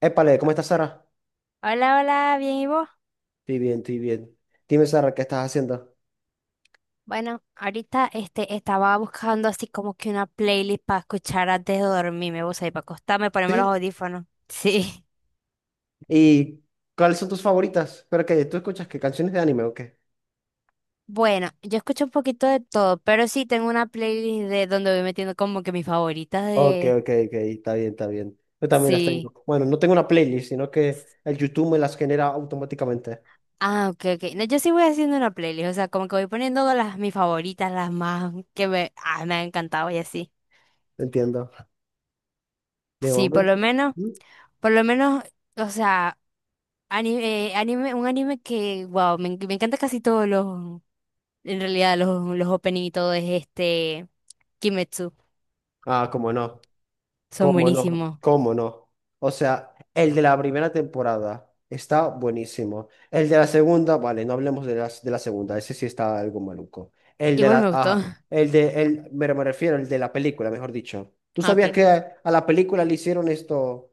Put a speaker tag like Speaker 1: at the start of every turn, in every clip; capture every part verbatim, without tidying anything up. Speaker 1: Épale, ¿cómo estás, Sara?
Speaker 2: Hola, hola, bien, ¿y vos?
Speaker 1: Estoy bien, estoy bien. Dime, Sara, ¿qué estás haciendo?
Speaker 2: Bueno, ahorita este, estaba buscando así como que una playlist para escuchar antes de dormirme, vos ahí, para acostarme, ponerme los
Speaker 1: ¿Sí?
Speaker 2: audífonos. Sí.
Speaker 1: ¿Y cuáles son tus favoritas? ¿Pero qué? ¿Tú escuchas qué canciones de anime o qué?
Speaker 2: Bueno, yo escucho un poquito de todo, pero sí tengo una playlist de donde voy metiendo como que mis favoritas
Speaker 1: Ok,
Speaker 2: de...
Speaker 1: ok, ok, está bien, está bien. Yo también las
Speaker 2: Sí.
Speaker 1: tengo. Bueno, no tengo una playlist, sino que el YouTube me las genera automáticamente.
Speaker 2: Ah, ok, ok. No, yo sí voy haciendo una playlist, o sea, como que voy poniendo las mis favoritas, las más que me, ah, me han encantado y así.
Speaker 1: Entiendo. De
Speaker 2: Sí, por lo
Speaker 1: momento.
Speaker 2: menos,
Speaker 1: ¿Mm?
Speaker 2: por lo menos, o sea... Anime, eh, anime, un anime que, wow, me, enc- me encanta casi todos los, en realidad los, los opening y todo es este, Kimetsu,
Speaker 1: Ah, cómo no.
Speaker 2: son
Speaker 1: ¿Cómo no?
Speaker 2: buenísimos.
Speaker 1: ¿Cómo no? O sea, el de la primera temporada está buenísimo. El de la segunda, vale, no hablemos de, las, de la segunda, ese sí está algo maluco. El de
Speaker 2: Igual
Speaker 1: la,
Speaker 2: me gustó.
Speaker 1: ajá, el de, el, me, me refiero, el de la película, mejor dicho. ¿Tú
Speaker 2: Ah, ok,
Speaker 1: sabías que
Speaker 2: ok.
Speaker 1: a la película le hicieron esto,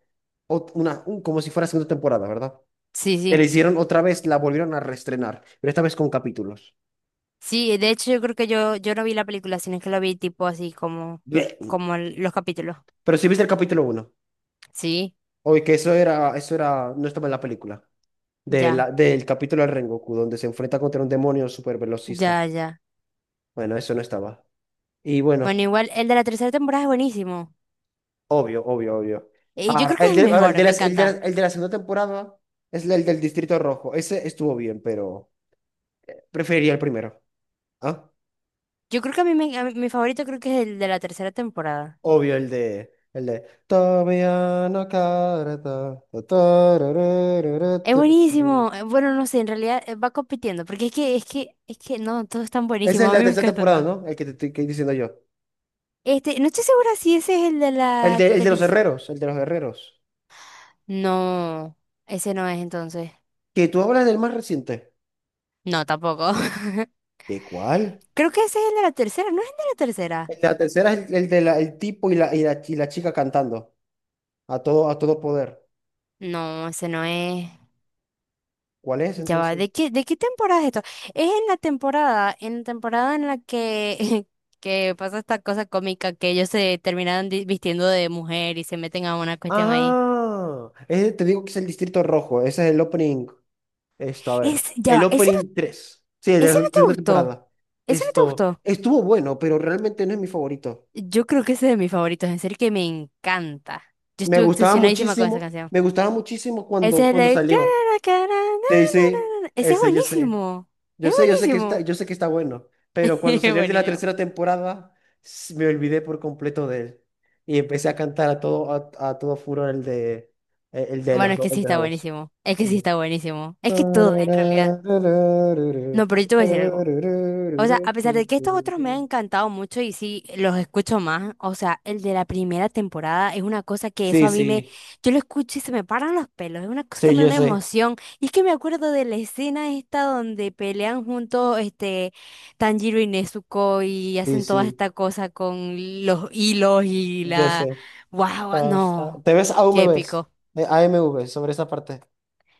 Speaker 1: ot- una, un- como si fuera segunda temporada, verdad?
Speaker 2: Sí,
Speaker 1: Que le
Speaker 2: sí.
Speaker 1: hicieron otra vez, la volvieron a reestrenar, pero esta vez con capítulos.
Speaker 2: Sí, de hecho yo creo que yo, yo no vi la película, sino que la vi tipo así como,
Speaker 1: Blech.
Speaker 2: como el- los capítulos.
Speaker 1: Pero si viste el capítulo uno,
Speaker 2: Sí,
Speaker 1: oye, que eso era, eso era, no estaba en la película. De
Speaker 2: ya,
Speaker 1: la- del capítulo del Rengoku, donde se enfrenta contra un demonio super velocista.
Speaker 2: ya, ya.
Speaker 1: Bueno, eso no estaba. Y
Speaker 2: Bueno,
Speaker 1: bueno,
Speaker 2: igual el de la tercera temporada es buenísimo.
Speaker 1: obvio, obvio, obvio.
Speaker 2: Y yo
Speaker 1: Ahora,
Speaker 2: creo que
Speaker 1: el
Speaker 2: es el
Speaker 1: de, ahora, el
Speaker 2: mejor,
Speaker 1: de la,
Speaker 2: me
Speaker 1: el de la-
Speaker 2: encanta.
Speaker 1: el de la segunda temporada es el del Distrito Rojo. Ese estuvo bien, pero preferiría el primero. ¿Ah?
Speaker 2: Yo creo que a mí, me- a mí- mi favorito creo que es el de la tercera temporada.
Speaker 1: Obvio, el de. El de. Todavía no carta,
Speaker 2: Es
Speaker 1: tararararata.
Speaker 2: buenísimo. eh, Bueno, no sé, en realidad eh, va compitiendo, porque es que, es que, es que no, todos están
Speaker 1: Ese
Speaker 2: buenísimos.
Speaker 1: es
Speaker 2: A
Speaker 1: el
Speaker 2: mí
Speaker 1: de
Speaker 2: me
Speaker 1: esta
Speaker 2: encantan
Speaker 1: temporada,
Speaker 2: todos.
Speaker 1: ¿no? El que te estoy que diciendo yo.
Speaker 2: Este, no estoy segura si ese es el de
Speaker 1: El
Speaker 2: la
Speaker 1: de, el de los
Speaker 2: tercera.
Speaker 1: herreros, el de los herreros.
Speaker 2: No, ese no es entonces.
Speaker 1: Que tú hablas del más reciente.
Speaker 2: No, tampoco.
Speaker 1: ¿De cuál?
Speaker 2: Creo que ese es el de la tercera, ¿no es el de la tercera?
Speaker 1: La tercera es el, el de la- el tipo y la, y la, y la chica cantando a todo, a todo poder.
Speaker 2: No, ese no es.
Speaker 1: ¿Cuál es
Speaker 2: Ya va,
Speaker 1: entonces?
Speaker 2: ¿de qué, de qué temporada es esto? Es en la temporada, en la temporada en la que, que pasa esta cosa cómica que ellos se terminan di- vistiendo de mujer y se meten a una cuestión ahí.
Speaker 1: Ah, ese te digo que es el Distrito Rojo. Ese es el opening. Esto, a ver.
Speaker 2: Es, ya
Speaker 1: El
Speaker 2: va, ese no.
Speaker 1: opening tres, sí, de
Speaker 2: ¿Ese
Speaker 1: la
Speaker 2: no te
Speaker 1: segunda
Speaker 2: gustó?
Speaker 1: temporada.
Speaker 2: ¿Ese no te
Speaker 1: Esto
Speaker 2: gustó?
Speaker 1: estuvo bueno, pero realmente no es mi favorito.
Speaker 2: Yo creo que ese es de mis favoritos, en serio que me encanta. Yo
Speaker 1: Me
Speaker 2: estuve
Speaker 1: gustaba
Speaker 2: obsesionadísima con esa
Speaker 1: muchísimo.
Speaker 2: canción.
Speaker 1: Me gustaba muchísimo
Speaker 2: Ese
Speaker 1: cuando,
Speaker 2: es el
Speaker 1: cuando
Speaker 2: de...
Speaker 1: salió.
Speaker 2: cara, cara, na,
Speaker 1: Sí, sí,
Speaker 2: na, na, na. Ese es
Speaker 1: ese yo sé.
Speaker 2: buenísimo.
Speaker 1: Yo
Speaker 2: Es
Speaker 1: sé, yo sé que está,
Speaker 2: buenísimo.
Speaker 1: yo sé que está bueno, pero cuando
Speaker 2: Es
Speaker 1: salió el de la
Speaker 2: buenísimo.
Speaker 1: tercera temporada, s- me olvidé por completo de él. Y empecé a cantar a todo, a, a todo furor el de eh, el de
Speaker 2: Bueno,
Speaker 1: los
Speaker 2: es
Speaker 1: dos,
Speaker 2: que
Speaker 1: el
Speaker 2: sí
Speaker 1: de
Speaker 2: está
Speaker 1: la voz.
Speaker 2: buenísimo. Es que sí
Speaker 1: Sí.
Speaker 2: está buenísimo. Es que todo, en realidad. No, pero yo te voy a decir algo. O sea, a pesar de que estos otros me han encantado mucho y sí los escucho más, o sea, el de la primera temporada es una cosa que eso
Speaker 1: Sí,
Speaker 2: a mí me,
Speaker 1: sí.
Speaker 2: yo lo escucho y se me paran los pelos, es una cosa que
Speaker 1: Sí,
Speaker 2: me da
Speaker 1: yo
Speaker 2: una
Speaker 1: sé.
Speaker 2: emoción. Y es que me acuerdo de la escena esta donde pelean juntos este Tanjiro y Nezuko y
Speaker 1: Sí,
Speaker 2: hacen toda
Speaker 1: sí.
Speaker 2: esta cosa con los hilos y
Speaker 1: Yo
Speaker 2: la,
Speaker 1: sé.
Speaker 2: wow,
Speaker 1: Ah, está-
Speaker 2: no,
Speaker 1: ¿Te ves aún
Speaker 2: qué
Speaker 1: me ves?
Speaker 2: épico.
Speaker 1: Eh, A M V sobre esa parte.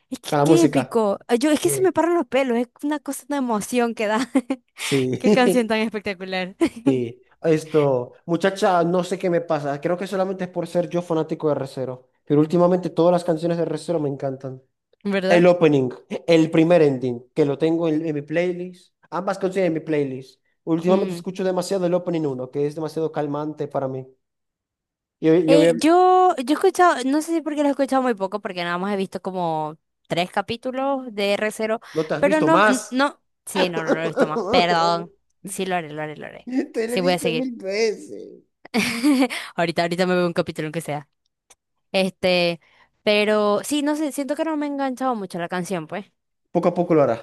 Speaker 2: Es que
Speaker 1: Con la
Speaker 2: qué
Speaker 1: música.
Speaker 2: épico. Yo, es que se
Speaker 1: Sí.
Speaker 2: me paran los pelos, es una cosa, una emoción que da.
Speaker 1: Sí.
Speaker 2: Qué canción tan espectacular.
Speaker 1: Sí, esto, muchacha, no sé qué me pasa. Creo que solamente es por ser yo fanático de Re:Zero. Pero últimamente todas las canciones de Re:Zero me encantan. El
Speaker 2: Verdad.
Speaker 1: opening, el primer ending, que lo tengo en, en mi playlist. Ambas canciones en mi playlist. Últimamente
Speaker 2: Ujú.
Speaker 1: escucho demasiado el opening uno, que es demasiado calmante para mí. Yo, yo,
Speaker 2: Eh, yo, yo he escuchado, no sé si porque lo he escuchado muy poco, porque nada más he visto como tres capítulos de r cero,
Speaker 1: ¿no te has
Speaker 2: pero
Speaker 1: visto
Speaker 2: no, n-
Speaker 1: más?
Speaker 2: no, sí, no, no lo he visto más, perdón, sí lo haré, lo haré, lo haré,
Speaker 1: Te lo he
Speaker 2: sí voy a
Speaker 1: dicho
Speaker 2: seguir,
Speaker 1: mil veces.
Speaker 2: ahorita, ahorita me veo un capítulo aunque sea, este, pero sí, no sé, siento que no me ha enganchado mucho la canción, pues,
Speaker 1: Poco a poco lo hará.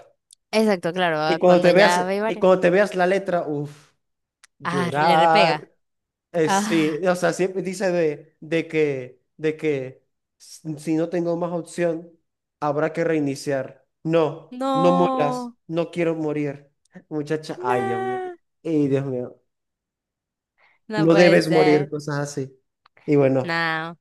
Speaker 2: exacto, claro,
Speaker 1: Y
Speaker 2: ah,
Speaker 1: cuando
Speaker 2: cuando
Speaker 1: te
Speaker 2: ya
Speaker 1: veas,
Speaker 2: ve
Speaker 1: y
Speaker 2: varios,
Speaker 1: cuando te veas la letra, uff,
Speaker 2: ah, le repega,
Speaker 1: llorar. Eh, sí,
Speaker 2: ah,
Speaker 1: o sea, siempre dice de, de que, de que s- si no tengo más opción, habrá que reiniciar. No, no mueras,
Speaker 2: no,
Speaker 1: no quiero morir. Muchacha, ay, Dios mío,
Speaker 2: no,
Speaker 1: ay, Dios mío,
Speaker 2: no
Speaker 1: no
Speaker 2: puede
Speaker 1: debes morir,
Speaker 2: ser,
Speaker 1: cosas así. Y bueno,
Speaker 2: no.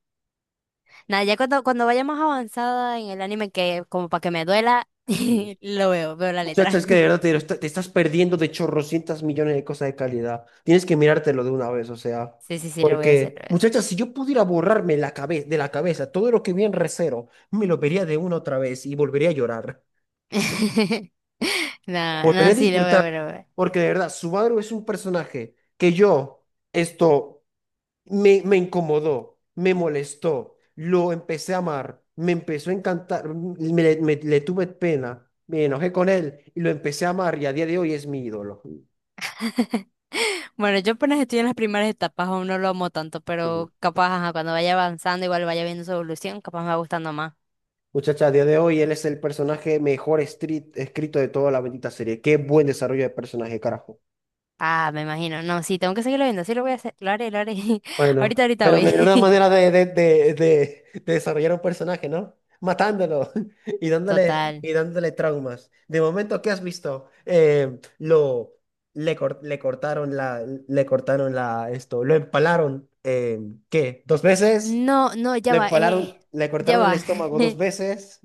Speaker 2: Nada, ya cuando, cuando vaya más avanzada en el anime, que como para que me duela,
Speaker 1: sí.
Speaker 2: lo veo, veo la letra.
Speaker 1: Muchacha, es que de verdad te, lo está- te estás perdiendo de chorrocientas millones de cosas de calidad. Tienes que mirártelo de una vez, o sea.
Speaker 2: Sí, sí, sí, lo voy a hacer, lo
Speaker 1: Porque,
Speaker 2: voy a
Speaker 1: muchacha, si yo pudiera borrarme la cabeza de la cabeza todo lo que vi en Recero, me lo vería de una otra vez y volvería a llorar.
Speaker 2: hacer. No,
Speaker 1: Volvería
Speaker 2: no,
Speaker 1: a
Speaker 2: sí, lo voy a
Speaker 1: disfrutar.
Speaker 2: ver, lo voy a ver.
Speaker 1: Porque de verdad, Subaru es un personaje que yo, esto, me, me incomodó, me molestó, lo empecé a amar, me empezó a encantar, me, me- le tuve pena, me enojé con él y lo empecé a amar y a día de hoy es mi ídolo.
Speaker 2: Bueno, yo apenas estoy en las primeras etapas, aún no lo amo tanto,
Speaker 1: Sí.
Speaker 2: pero capaz, ajá, cuando vaya avanzando, igual vaya viendo su evolución, capaz me va gustando más.
Speaker 1: Muchacha, a día de hoy él es el personaje mejor escrit- escrito de toda la bendita serie. Qué buen desarrollo de personaje, carajo.
Speaker 2: Ah, me imagino. No, sí, tengo que seguirlo viendo, sí lo voy a hacer, lo haré, lo haré.
Speaker 1: Bueno,
Speaker 2: Ahorita, ahorita
Speaker 1: pero me
Speaker 2: voy.
Speaker 1: vino una manera de, de, de, de- de desarrollar un personaje, ¿no? Matándolo y dándole,
Speaker 2: Total.
Speaker 1: y dándole traumas. De momento, ¿qué has visto? Eh, lo, le, cor- le cortaron la, le cortaron la, esto, lo empalaron, eh, ¿qué? ¿Dos veces?
Speaker 2: No, no, ya
Speaker 1: Le
Speaker 2: va,
Speaker 1: empalaron,
Speaker 2: eh,
Speaker 1: le
Speaker 2: ya
Speaker 1: cortaron el
Speaker 2: va.
Speaker 1: estómago dos veces,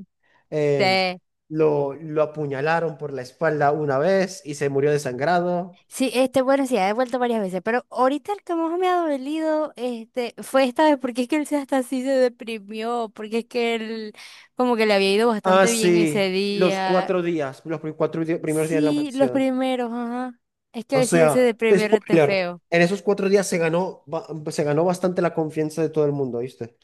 Speaker 1: eh,
Speaker 2: Te
Speaker 1: lo, lo apuñalaron por la espalda una vez y se murió desangrado.
Speaker 2: sí, este, bueno, sí, ha devuelto varias veces, pero ahorita el que más me ha dolido, este, fue esta vez, porque es que él se hasta así se deprimió, porque es que él como que le había ido
Speaker 1: Ah,
Speaker 2: bastante bien ese
Speaker 1: sí, los
Speaker 2: día.
Speaker 1: cuatro días, los pri- cuatro di- primeros días de la
Speaker 2: Sí, los
Speaker 1: mansión.
Speaker 2: primeros, ajá. Es
Speaker 1: O
Speaker 2: que sí, él
Speaker 1: sea,
Speaker 2: se deprimió rete
Speaker 1: spoiler,
Speaker 2: feo.
Speaker 1: en esos cuatro días se ganó, ba- se ganó bastante la confianza de todo el mundo, ¿viste?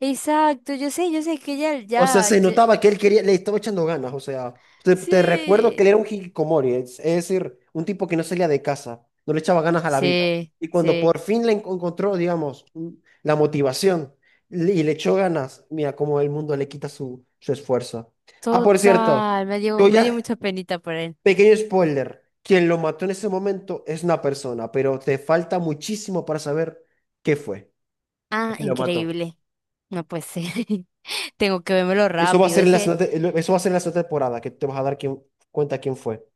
Speaker 2: Exacto, yo sé, yo sé que ya,
Speaker 1: O sea,
Speaker 2: ya,
Speaker 1: se
Speaker 2: ya-
Speaker 1: notaba que él quería, le estaba echando ganas. O sea, te, te recuerdo que él
Speaker 2: sí,
Speaker 1: era un hikikomori, es, es decir, un tipo que no salía de casa, no le echaba ganas a la vida.
Speaker 2: sí,
Speaker 1: Y cuando
Speaker 2: sí.
Speaker 1: por fin le enco- encontró, digamos, un- la motivación le- y le echó ganas, mira cómo el mundo le quita su, su esfuerzo. Ah, por cierto,
Speaker 2: Total, me dio,
Speaker 1: yo
Speaker 2: me dio
Speaker 1: ya,
Speaker 2: mucha penita por él.
Speaker 1: pequeño spoiler, quien lo mató en ese momento es una persona, pero te falta muchísimo para saber qué fue, o
Speaker 2: Ah,
Speaker 1: qué lo mató.
Speaker 2: increíble. No puede ser. Tengo que vérmelo
Speaker 1: Eso va a
Speaker 2: rápido.
Speaker 1: ser
Speaker 2: Es
Speaker 1: en la
Speaker 2: que
Speaker 1: segunda, te- eso va a ser en la segunda temporada, que te vas a dar quién- cuenta quién fue.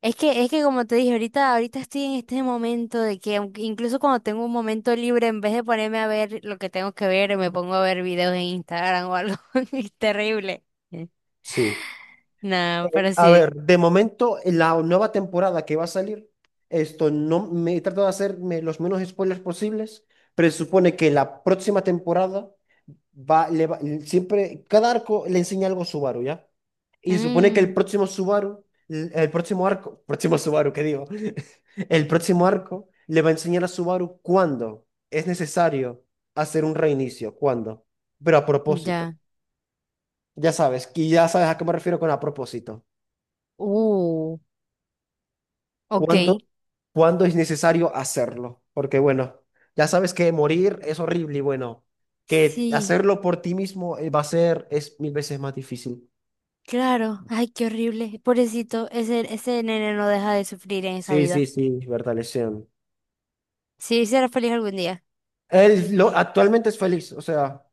Speaker 2: es que, es que como te dije, ahorita, ahorita estoy en este momento de que aunque- incluso cuando tengo un momento libre, en vez de ponerme a ver lo que tengo que ver, me pongo a ver videos en Instagram o algo. Es terrible. Eh,
Speaker 1: Sí.
Speaker 2: No,
Speaker 1: Eh,
Speaker 2: pero
Speaker 1: a
Speaker 2: sí.
Speaker 1: ver, de momento, la nueva temporada que va a salir, esto no me he tratado de hacerme los menos spoilers posibles, pero se supone que la próxima temporada va, le va- siempre, cada arco le enseña algo a Subaru, ¿ya? Y se supone que el
Speaker 2: Mm,
Speaker 1: próximo Subaru, el el próximo arco, próximo Subaru, ¿qué digo? El próximo arco le va a enseñar a Subaru cuándo es necesario hacer un reinicio, cuándo, pero a propósito.
Speaker 2: ya.
Speaker 1: Ya sabes, y ya sabes a qué me refiero con a propósito.
Speaker 2: Uh, ok.
Speaker 1: ¿Cuándo, cuándo es necesario hacerlo? Porque bueno, ya sabes que morir es horrible y bueno, que
Speaker 2: Sí,
Speaker 1: hacerlo por ti mismo eh, va a ser es mil veces más difícil.
Speaker 2: claro. Ay, qué horrible. Pobrecito, ese, ese nene no deja de sufrir en esa
Speaker 1: Sí, sí,
Speaker 2: vida.
Speaker 1: sí, Bertalesian.
Speaker 2: Sí, será feliz algún día.
Speaker 1: Él lo, actualmente es feliz, o sea,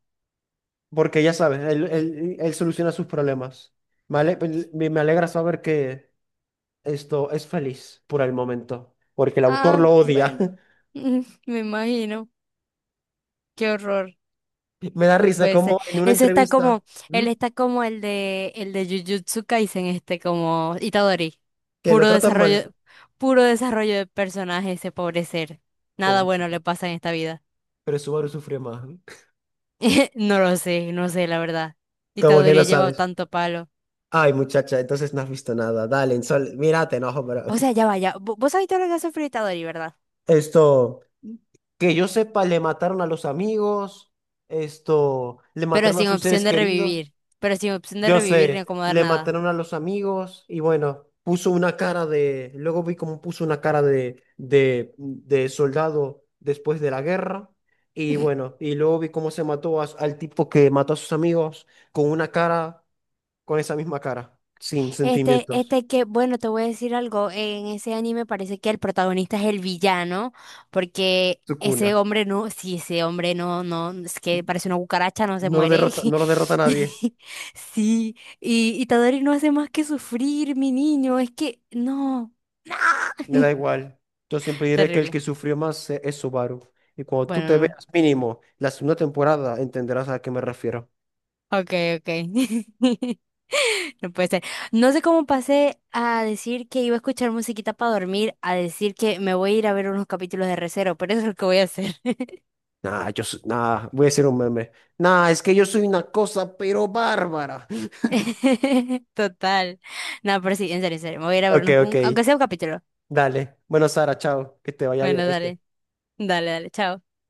Speaker 1: porque ya sabes, él, él, él soluciona sus problemas. Me, ale- me Me alegra saber que esto es feliz por el momento, porque el autor
Speaker 2: Ah,
Speaker 1: lo odia.
Speaker 2: bueno. Me imagino. Qué horror.
Speaker 1: Me da
Speaker 2: No
Speaker 1: risa
Speaker 2: puede ser.
Speaker 1: como en una
Speaker 2: Eso está
Speaker 1: entrevista
Speaker 2: como, él
Speaker 1: ¿m?
Speaker 2: está como el de el de Jujutsu Kaisen, este, como Itadori.
Speaker 1: Que lo
Speaker 2: Puro
Speaker 1: tratan mal.
Speaker 2: desarrollo, puro desarrollo de personaje ese pobre ser. Nada
Speaker 1: Pobre.
Speaker 2: bueno le pasa en esta vida.
Speaker 1: Pero Subaru sufrió más.
Speaker 2: No lo sé, no sé, la verdad.
Speaker 1: Como que no
Speaker 2: Itadori lleva
Speaker 1: sabes.
Speaker 2: tanto palo.
Speaker 1: Ay, muchacha, entonces no has visto nada. Dale, en sol, mira, te enojo, pero
Speaker 2: O sea, ya vaya. Vos sabés todo lo que ha sufrido Itadori, ¿verdad?
Speaker 1: esto, que yo sepa, le mataron a los amigos, esto, le
Speaker 2: Pero
Speaker 1: mataron a
Speaker 2: sin
Speaker 1: sus
Speaker 2: opción
Speaker 1: seres
Speaker 2: de
Speaker 1: queridos.
Speaker 2: revivir. Pero sin opción de
Speaker 1: Yo
Speaker 2: revivir ni
Speaker 1: sé,
Speaker 2: acomodar
Speaker 1: le
Speaker 2: nada.
Speaker 1: mataron a los amigos y bueno, puso una cara de, luego vi cómo puso una cara de, de, de soldado después de la guerra. Y bueno, y luego vi cómo se mató a- al tipo que mató a sus amigos con una cara con esa misma cara, sin
Speaker 2: Este,
Speaker 1: sentimientos.
Speaker 2: este que, bueno, te voy a decir algo, en ese anime parece que el protagonista es el villano, porque
Speaker 1: Sukuna.
Speaker 2: ese hombre no, si ese hombre no, no, es que parece una cucaracha, no se
Speaker 1: No lo
Speaker 2: muere.
Speaker 1: derrota, no lo derrota nadie.
Speaker 2: Sí, y, y Tadori no hace más que sufrir, mi niño, es que, no.
Speaker 1: Me da igual. Yo siempre diré que el
Speaker 2: Terrible.
Speaker 1: que sufrió más e- es Subaru. Y cuando tú te
Speaker 2: Bueno,
Speaker 1: veas mínimo la segunda temporada, entenderás a qué me refiero.
Speaker 2: no. Okay, okay. No puede ser. No sé cómo pasé a decir que iba a escuchar musiquita para dormir, a decir que me voy a ir a ver unos capítulos de Recero, pero eso es lo que voy a hacer.
Speaker 1: Nah, yo soy- nah, voy a hacer un meme. Nah, es que yo soy una cosa, pero bárbara.
Speaker 2: Total. No, pero sí, en serio, en serio. Me voy a ir a ver
Speaker 1: Ok,
Speaker 2: unos-
Speaker 1: ok.
Speaker 2: un- aunque sea un capítulo.
Speaker 1: Dale. Bueno, Sara, chao. Que te vaya bien,
Speaker 2: Bueno,
Speaker 1: ¿viste?
Speaker 2: dale, dale, dale, chao.